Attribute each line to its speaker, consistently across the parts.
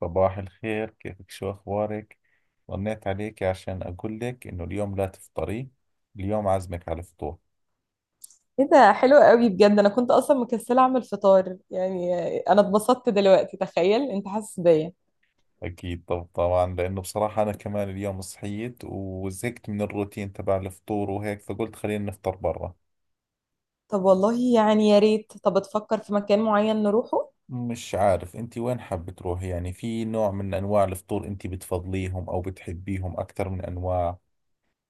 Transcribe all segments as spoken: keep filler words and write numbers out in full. Speaker 1: صباح الخير، كيفك؟ شو أخبارك؟ رنيت عليك عشان أقول لك إنه اليوم لا تفطري. اليوم عازمك على الفطور.
Speaker 2: ايه ده حلو قوي بجد، انا كنت اصلا مكسله اعمل فطار يعني. انا اتبسطت دلوقتي، تخيل انت حاسس بيا.
Speaker 1: أكيد. طب طبعا، لأنه بصراحة أنا كمان اليوم صحيت وزهقت من الروتين تبع الفطور وهيك، فقلت خلينا نفطر برا.
Speaker 2: طب والله يعني يا ريت، طب تفكر في مكان معين نروحه.
Speaker 1: مش عارف أنت وين حابة تروحي، يعني في نوع من أنواع الفطور أنت بتفضليهم أو بتحبيهم أكثر من أنواع؟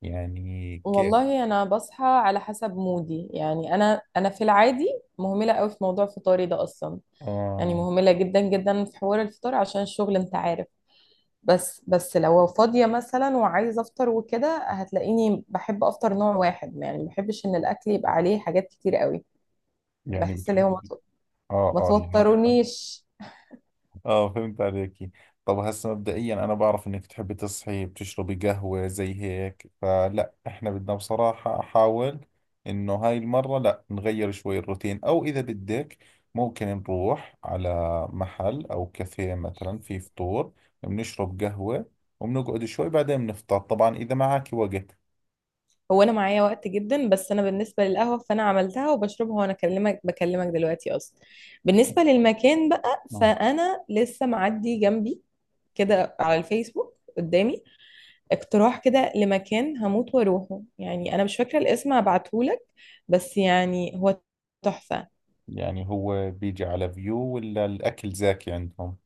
Speaker 1: يعني كيف؟
Speaker 2: والله انا بصحى على حسب مودي، يعني انا انا في العادي مهمله قوي في موضوع فطاري ده اصلا. يعني
Speaker 1: آه،
Speaker 2: مهمله جدا جدا في حوار الفطار عشان الشغل انت عارف. بس بس لو فاضيه مثلا وعايزه افطر وكده، هتلاقيني بحب افطر نوع واحد، يعني ما بحبش ان الاكل يبقى عليه حاجات كتير قوي.
Speaker 1: يعني
Speaker 2: بحس ان هو
Speaker 1: بتحبي. آه
Speaker 2: ما
Speaker 1: آه يعني.
Speaker 2: توترونيش.
Speaker 1: اه، فهمت عليكي. طب هسه مبدئيا انا بعرف انك تحبي تصحي بتشربي قهوة زي هيك، فلا احنا بدنا بصراحة احاول انه هاي المرة لا نغير شوي الروتين، او اذا بدك ممكن نروح على محل او كافيه مثلا، في فطور بنشرب قهوة وبنقعد شوي، بعدين بنفطر. طبعا اذا معك وقت.
Speaker 2: هو انا معايا وقت جدا، بس انا بالنسبه للقهوه فانا عملتها وبشربها وانا اكلمك بكلمك دلوقتي اصلا. بالنسبه للمكان بقى،
Speaker 1: اه.
Speaker 2: فانا لسه معدي جنبي كده على الفيسبوك قدامي اقتراح كده لمكان هموت واروحه، يعني انا مش فاكره الاسم، هبعتهولك، بس يعني هو تحفه.
Speaker 1: يعني هو بيجي على فيو ولا الاكل زاكي عندهم؟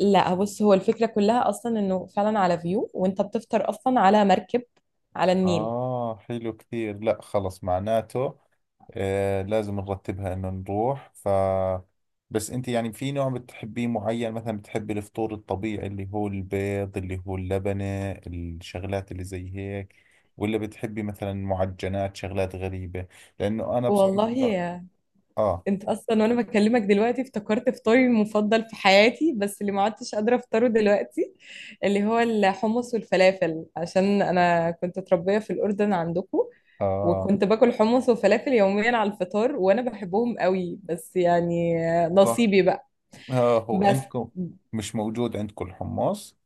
Speaker 2: لا بص، هو الفكره كلها اصلا انه فعلا على فيو، وانت بتفطر اصلا على مركب على النيل.
Speaker 1: اه حلو كثير. لا خلص، معناته آه لازم نرتبها انه نروح. ف بس انت يعني في نوع بتحبيه معين؟ مثلا بتحبي الفطور الطبيعي اللي هو البيض، اللي هو اللبنة، الشغلات اللي زي هيك، ولا بتحبي مثلا معجنات، شغلات غريبة؟ لانه انا
Speaker 2: والله
Speaker 1: بصراحة اه
Speaker 2: انت اصلا وانا بكلمك دلوقتي افتكرت فطاري المفضل في حياتي، بس اللي ما عدتش قادره افطره دلوقتي، اللي هو الحمص والفلافل، عشان انا كنت متربيه في الاردن عندكم،
Speaker 1: اه آه،
Speaker 2: وكنت باكل حمص وفلافل يوميا على الفطار وانا بحبهم قوي، بس يعني
Speaker 1: صح.
Speaker 2: نصيبي بقى.
Speaker 1: اه، هو
Speaker 2: بس.
Speaker 1: عندكم مش موجود عندكم الحمص؟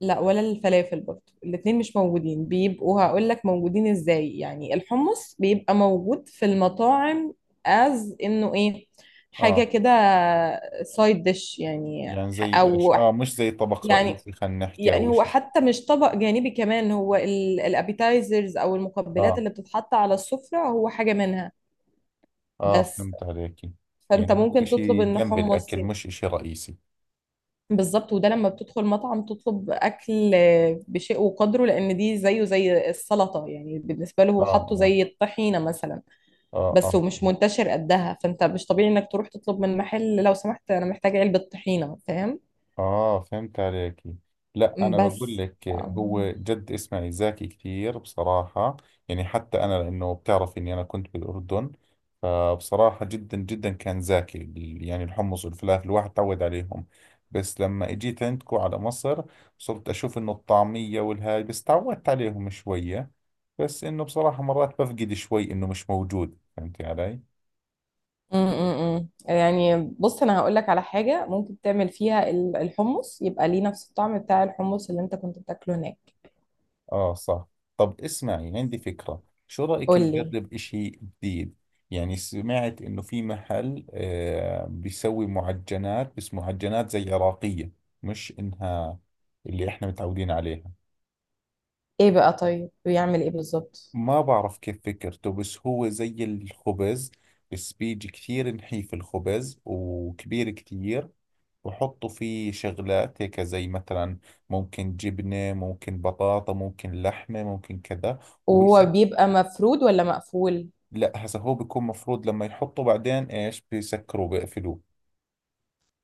Speaker 2: لا ولا الفلافل برضه، الاتنين مش موجودين. بيبقوا هقول لك موجودين ازاي، يعني الحمص بيبقى موجود في المطاعم، از انه ايه، حاجة
Speaker 1: اه،
Speaker 2: كده، سايد ديش يعني،
Speaker 1: يعني
Speaker 2: ح-
Speaker 1: زي ايش؟
Speaker 2: او
Speaker 1: اه، مش زي طبق
Speaker 2: يعني.
Speaker 1: رئيسي خلينا نحكي،
Speaker 2: يعني
Speaker 1: او
Speaker 2: هو
Speaker 1: اشي.
Speaker 2: حتى مش طبق جانبي كمان، هو الابيتايزرز او المقبلات
Speaker 1: اه
Speaker 2: اللي بتتحط على السفرة، هو حاجة منها.
Speaker 1: اه،
Speaker 2: بس،
Speaker 1: فهمت عليكي.
Speaker 2: فانت
Speaker 1: يعني هو
Speaker 2: ممكن تطلب
Speaker 1: اشي
Speaker 2: ان
Speaker 1: جنب
Speaker 2: حمص.
Speaker 1: الاكل مش اشي رئيسي.
Speaker 2: بالظبط، وده لما بتدخل مطعم تطلب اكل آه، بشيء وقدره، لان دي زيه زي السلطه، يعني بالنسبه له
Speaker 1: اه
Speaker 2: هو حاطه
Speaker 1: اه.
Speaker 2: زي الطحينه مثلا.
Speaker 1: اه
Speaker 2: بس
Speaker 1: اه.
Speaker 2: ومش منتشر قدها، فانت مش طبيعي انك تروح تطلب من محل لو سمحت انا محتاجه علبه طحينه، فاهم.
Speaker 1: اه، فهمت عليك. لا انا بقول
Speaker 2: بس
Speaker 1: لك، هو
Speaker 2: م-
Speaker 1: جد اسمعي، زاكي كثير بصراحة. يعني حتى انا لانه بتعرف اني انا كنت بالاردن، فبصراحة جدا جدا كان زاكي ال- يعني الحمص والفلافل، الواحد تعود عليهم. بس لما اجيت عندكم على مصر، صرت اشوف انه الطعمية والهاي، بس تعودت عليهم شوية. بس انه بصراحة مرات بفقد شوي انه مش موجود، فهمتي علي؟
Speaker 2: م- م. يعني بص انا هقول لك على حاجه ممكن تعمل فيها ال- الحمص يبقى ليه نفس الطعم بتاع الحمص اللي انت كنت بتاكله هناك.
Speaker 1: آه صح. طب اسمعي، عندي فكرة، شو رأيك
Speaker 2: قول لي.
Speaker 1: نجرب إشي جديد؟ يعني سمعت إنه في محل آه بيسوي معجنات، بس معجنات زي عراقية، مش إنها اللي إحنا متعودين عليها.
Speaker 2: ايه بقى، طيب بيعمل ايه بالظبط؟
Speaker 1: ما بعرف كيف فكرته، بس هو زي الخبز، بس بيجي كثير نحيف الخبز، وكبير كثير، وحطوا فيه شغلات هيك زي مثلا ممكن جبنة، ممكن بطاطا، ممكن لحمة، ممكن كذا.
Speaker 2: وهو بيبقى مفرود ولا مقفول؟
Speaker 1: لا هسه هو بيكون مفروض، لما يحطوا بعدين ايش بيسكروا بيقفلوه.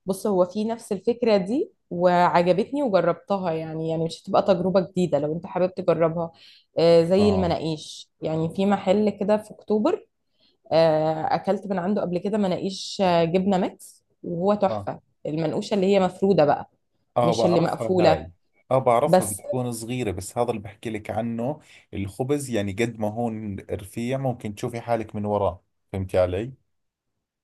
Speaker 2: بص هو في نفس الفكرة دي وعجبتني وجربتها، يعني يعني مش هتبقى تجربة جديدة لو انت حابب تجربها. آه زي
Speaker 1: اه.
Speaker 2: المناقيش، يعني في محل كده في اكتوبر. آه اكلت من عنده قبل كده مناقيش آه، جبنة ميكس، وهو
Speaker 1: اه.
Speaker 2: تحفة المنقوشة اللي هي مفرودة بقى،
Speaker 1: اه
Speaker 2: مش اللي
Speaker 1: بعرفها
Speaker 2: مقفولة.
Speaker 1: هاي. اه بعرفها،
Speaker 2: بس
Speaker 1: بتكون صغيرة، بس هذا اللي بحكي لك عنه. الخبز يعني قد ما هون رفيع ممكن تشوفي حالك من وراه. فهمتي علي؟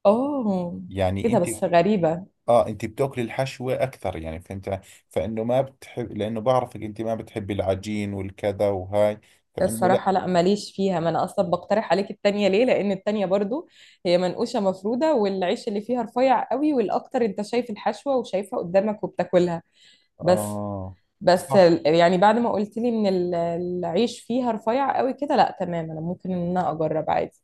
Speaker 2: اه.
Speaker 1: يعني
Speaker 2: ايه ده،
Speaker 1: انت
Speaker 2: بس غريبة.
Speaker 1: اه، انت بتاكلي الحشوة اكثر يعني، فهمت علي؟ فانه ما بتحب لانه بعرفك انت ما بتحبي العجين والكذا وهاي، فانه لا.
Speaker 2: الصراحة لا، ماليش فيها، ما أنا أصلا بقترح عليك التانية ليه، لأن التانية برضو هي منقوشة مفرودة والعيش اللي فيها رفيع قوي، والأكتر أنت شايف الحشوة وشايفها قدامك وبتاكلها. بس،
Speaker 1: اه
Speaker 2: بس
Speaker 1: صح.
Speaker 2: ال- يعني بعد ما قلت لي إن ال- العيش فيها رفيع قوي كده، لا تمام، أنا ممكن إن أنا أجرب عادي.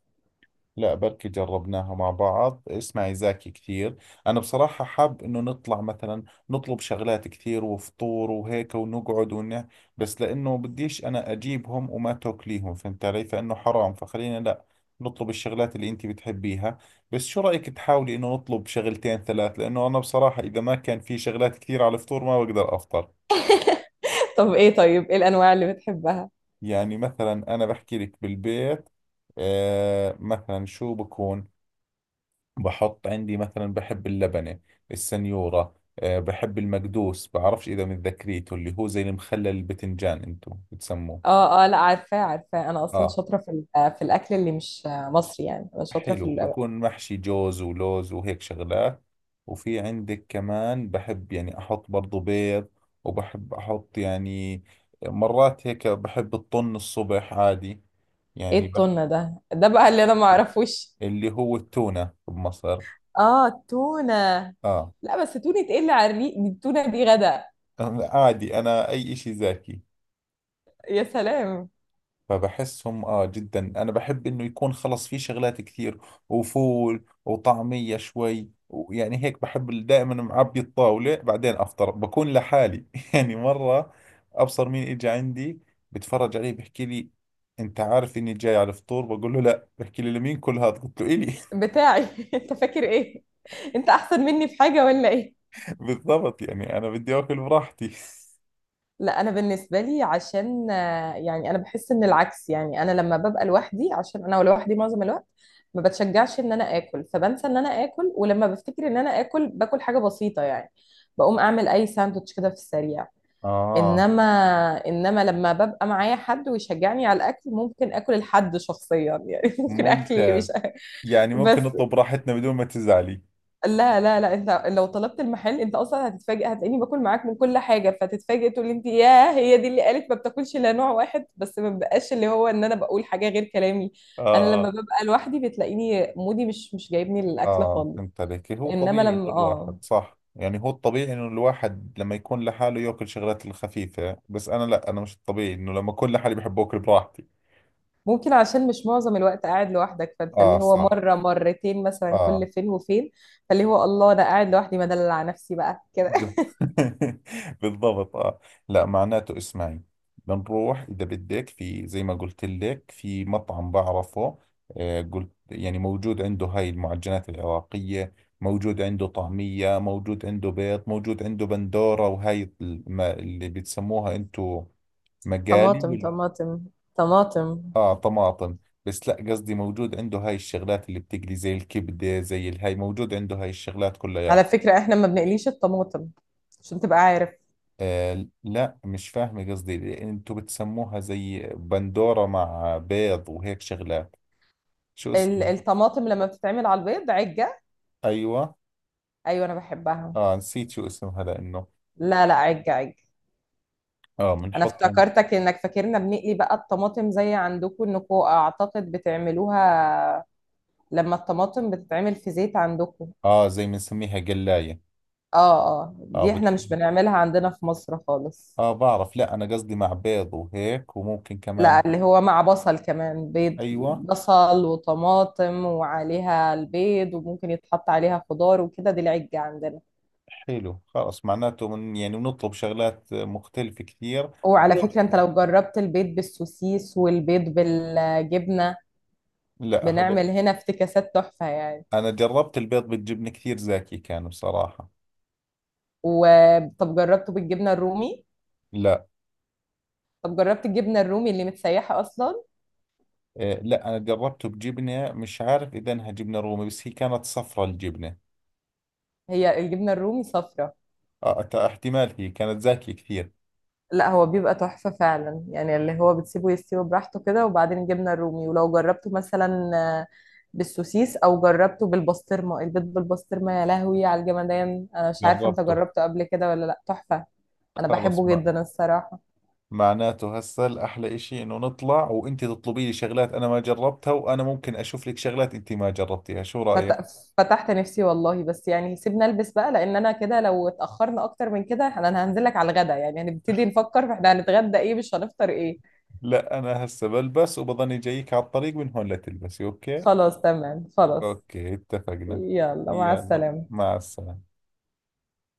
Speaker 1: لا بركي جربناها مع بعض. اسمعي، زاكي كثير. أنا بصراحة حاب إنه نطلع مثلا، نطلب شغلات كثير وفطور وهيك، ونقعد ونه، بس لأنه بديش أنا أجيبهم وما تاكليهم، فهمت علي؟ فإنه حرام، فخلينا لا، نطلب الشغلات اللي أنت بتحبيها. بس شو رأيك تحاولي إنه نطلب شغلتين ثلاث، لأنه أنا بصراحة إذا ما كان في شغلات كثير على الفطور ما بقدر أفطر.
Speaker 2: طب إيه طيب إيه الأنواع اللي بتحبها؟
Speaker 1: يعني مثلا أنا بحكي لك بالبيت، آه مثلا شو بكون، بحط عندي مثلا بحب اللبنة، السنيورة، أه بحب المقدوس، بعرفش إذا متذكريته، اللي هو زي المخلل البتنجان أنتم بتسموه.
Speaker 2: اه اه، لا عارفاه عارفاه، انا اصلا
Speaker 1: آه
Speaker 2: شاطره في ال- في الاكل اللي مش مصري، يعني انا شاطره في
Speaker 1: حلو،
Speaker 2: ال-
Speaker 1: بكون محشي جوز ولوز وهيك شغلات. وفي عندك كمان بحب يعني أحط برضو بيض، وبحب أحط يعني مرات هيك بحب الطن الصبح عادي.
Speaker 2: ايه
Speaker 1: يعني بحب
Speaker 2: التونه ده ده بقى اللي انا ما اعرفوش.
Speaker 1: اللي هو التونة بمصر.
Speaker 2: اه التونه.
Speaker 1: آه.
Speaker 2: لا، بس تونه ايه اللي على الريق، دي التونه دي غدا.
Speaker 1: عادي، أنا أي إشي زاكي.
Speaker 2: يا سلام.
Speaker 1: فبحسهم اه جدا، انا بحب انه يكون خلص في شغلات كثير، وفول وطعمية شوي، ويعني هيك بحب ال- دائما معبي الطاولة بعدين افطر بكون لحالي. يعني مرة ابصر مين اجى عندي، بتفرج عليه بحكي لي انت عارف اني جاي على الفطور؟ بقول له لا، بحكي لي لمين كل هذا؟ قلت له الي.
Speaker 2: بتاعي؟ انت فاكر ايه؟ انت احسن مني في حاجه ولا ايه؟
Speaker 1: بالضبط، يعني انا بدي اكل براحتي.
Speaker 2: لا انا بالنسبه لي عشان آه، يعني انا بحس ان العكس، يعني انا لما ببقى لوحدي، عشان انا لوحدي معظم الوقت ما بتشجعش ان انا اكل، فبنسى ان انا اكل، ولما بفتكر ان انا اكل باكل حاجه بسيطه، يعني بقوم اعمل اي ساندوتش كده في السريع.
Speaker 1: اه
Speaker 2: انما انما لما ببقى معايا حد ويشجعني على الاكل، ممكن اكل الحد شخصيا يعني. ممكن اكل اللي
Speaker 1: ممتاز،
Speaker 2: مش
Speaker 1: يعني ممكن
Speaker 2: بس.
Speaker 1: نطلب راحتنا بدون ما تزعلي.
Speaker 2: لا لا لا، انت لو طلبت المحل انت اصلا هتتفاجئ، هتلاقيني باكل معاك من كل حاجه، فتتفاجئ تقول لي انت، ياه، هي دي اللي قالت ما بتاكلش الا نوع واحد، بس ما بقاش اللي هو ان انا بقول حاجه غير كلامي. انا لما
Speaker 1: اه.
Speaker 2: ببقى لوحدي بتلاقيني مودي مش مش جايبني للاكل
Speaker 1: آه
Speaker 2: خالص.
Speaker 1: فهمت عليك. هو
Speaker 2: انما
Speaker 1: طبيعي إنه
Speaker 2: لما اه
Speaker 1: الواحد، صح، يعني هو الطبيعي إنه الواحد لما يكون لحاله يأكل شغلات الخفيفة، بس أنا لا، أنا مش الطبيعي إنه لما أكون لحالي بحب أكل براحتي.
Speaker 2: ممكن، عشان مش معظم الوقت قاعد لوحدك، فانت
Speaker 1: آه
Speaker 2: اللي هو
Speaker 1: صح.
Speaker 2: مره مرتين مثلا كل
Speaker 1: آه.
Speaker 2: فين وفين. فاللي هو الله، انا قاعد لوحدي مدلل على نفسي بقى كده.
Speaker 1: ب- بالضبط اه. لا معناته اسمعي، بنروح اذا بدك في زي ما قلت لك في مطعم بعرفه، آه قلت يعني موجود عنده هاي المعجنات العراقية، موجود عنده طعمية، موجود عنده بيض، موجود عنده بندورة، وهاي الم- اللي بتسموها انتو مقالي،
Speaker 2: طماطم
Speaker 1: وال-
Speaker 2: طماطم طماطم.
Speaker 1: اه طماطم، بس لا قصدي موجود عنده هاي الشغلات اللي بتقلي زي الكبدة، زي الهاي، موجود عنده هاي الشغلات كلها.
Speaker 2: على فكره احنا ما بنقليش الطماطم عشان تبقى عارف.
Speaker 1: آه لا، مش فاهم قصدي، لأن انتوا بتسموها زي بندورة مع بيض وهيك شغلات، شو
Speaker 2: ال-
Speaker 1: اسم؟
Speaker 2: الطماطم لما بتتعمل على البيض عجة.
Speaker 1: ايوه.
Speaker 2: ايوه انا بحبها.
Speaker 1: اه نسيت شو اسمها لانه.
Speaker 2: لا لا، عجة عجة.
Speaker 1: اه
Speaker 2: انا
Speaker 1: بنحطهم.
Speaker 2: افتكرتك انك فاكرنا بنقلي بقى الطماطم زي عندكم، انكم اعتقد بتعملوها لما الطماطم بتتعمل في زيت عندكم.
Speaker 1: اه زي بنسميها قلاية.
Speaker 2: اه اه،
Speaker 1: اه
Speaker 2: دي احنا مش
Speaker 1: بتكون،
Speaker 2: بنعملها عندنا في مصر خالص.
Speaker 1: اه بعرف، لا انا قصدي مع بيض وهيك وممكن
Speaker 2: لا،
Speaker 1: كمان.
Speaker 2: اللي هو مع بصل كمان بيض،
Speaker 1: ايوه.
Speaker 2: بصل وطماطم وعليها البيض، وممكن يتحط عليها خضار وكده، دي العجة عندنا.
Speaker 1: حلو خلاص، معناته من يعني بنطلب شغلات مختلفة كثير. كل
Speaker 2: وعلى
Speaker 1: واحد-
Speaker 2: فكرة انت لو جربت البيض بالسوسيس والبيض بالجبنة،
Speaker 1: لا هذا،
Speaker 2: بنعمل هنا افتكاسات تحفة يعني.
Speaker 1: انا جربت البيض بالجبنة كثير، زاكي كان بصراحة.
Speaker 2: وطب جربته بالجبنة الرومي؟
Speaker 1: لا.
Speaker 2: طب جربت الجبنة الرومي اللي متسيحة أصلا؟
Speaker 1: آه، لا أنا جربته بجبنة مش عارف إذا إنها جبنة رومي، بس هي كانت صفرة الجبنة.
Speaker 2: هي الجبنة الرومي صفرة.
Speaker 1: آه تا- احتمال، هي كانت زاكية كثير.
Speaker 2: لا هو بيبقى تحفة فعلا، يعني اللي هو بتسيبه يستوي براحته كده وبعدين الجبنة الرومي، ولو جربته مثلا آه، بالسوسيس، أو جربته بالبسطرمة، البيض بالبسطرمة يا لهوي على الجمدان، أنا مش عارفة أنت
Speaker 1: جربته.
Speaker 2: جربته قبل كده ولا لأ، تحفة. أنا
Speaker 1: خلص
Speaker 2: بحبه
Speaker 1: ما،
Speaker 2: جدا الصراحة.
Speaker 1: معناته هسه الأحلى إشي إنه نطلع وأنت تطلبي لي شغلات أنا ما جربتها، وأنا ممكن أشوف لك شغلات أنت ما جربتيها، شو
Speaker 2: فت...
Speaker 1: رأيك؟
Speaker 2: فتحت نفسي والله. بس يعني سيبنا البس بقى، لان انا كده لو اتاخرنا اكتر من كده انا أنا هنزل لك على الغدا، يعني هنبتدي نفكر احنا هنتغدى ايه مش هنفطر ايه.
Speaker 1: لا أنا هسه بلبس وبظني جايك على الطريق، من هون لتلبسي، أوكي؟
Speaker 2: خلاص تمام خلاص.
Speaker 1: أوكي اتفقنا.
Speaker 2: يلا مع
Speaker 1: يلا
Speaker 2: السلامة.
Speaker 1: مع السلامة.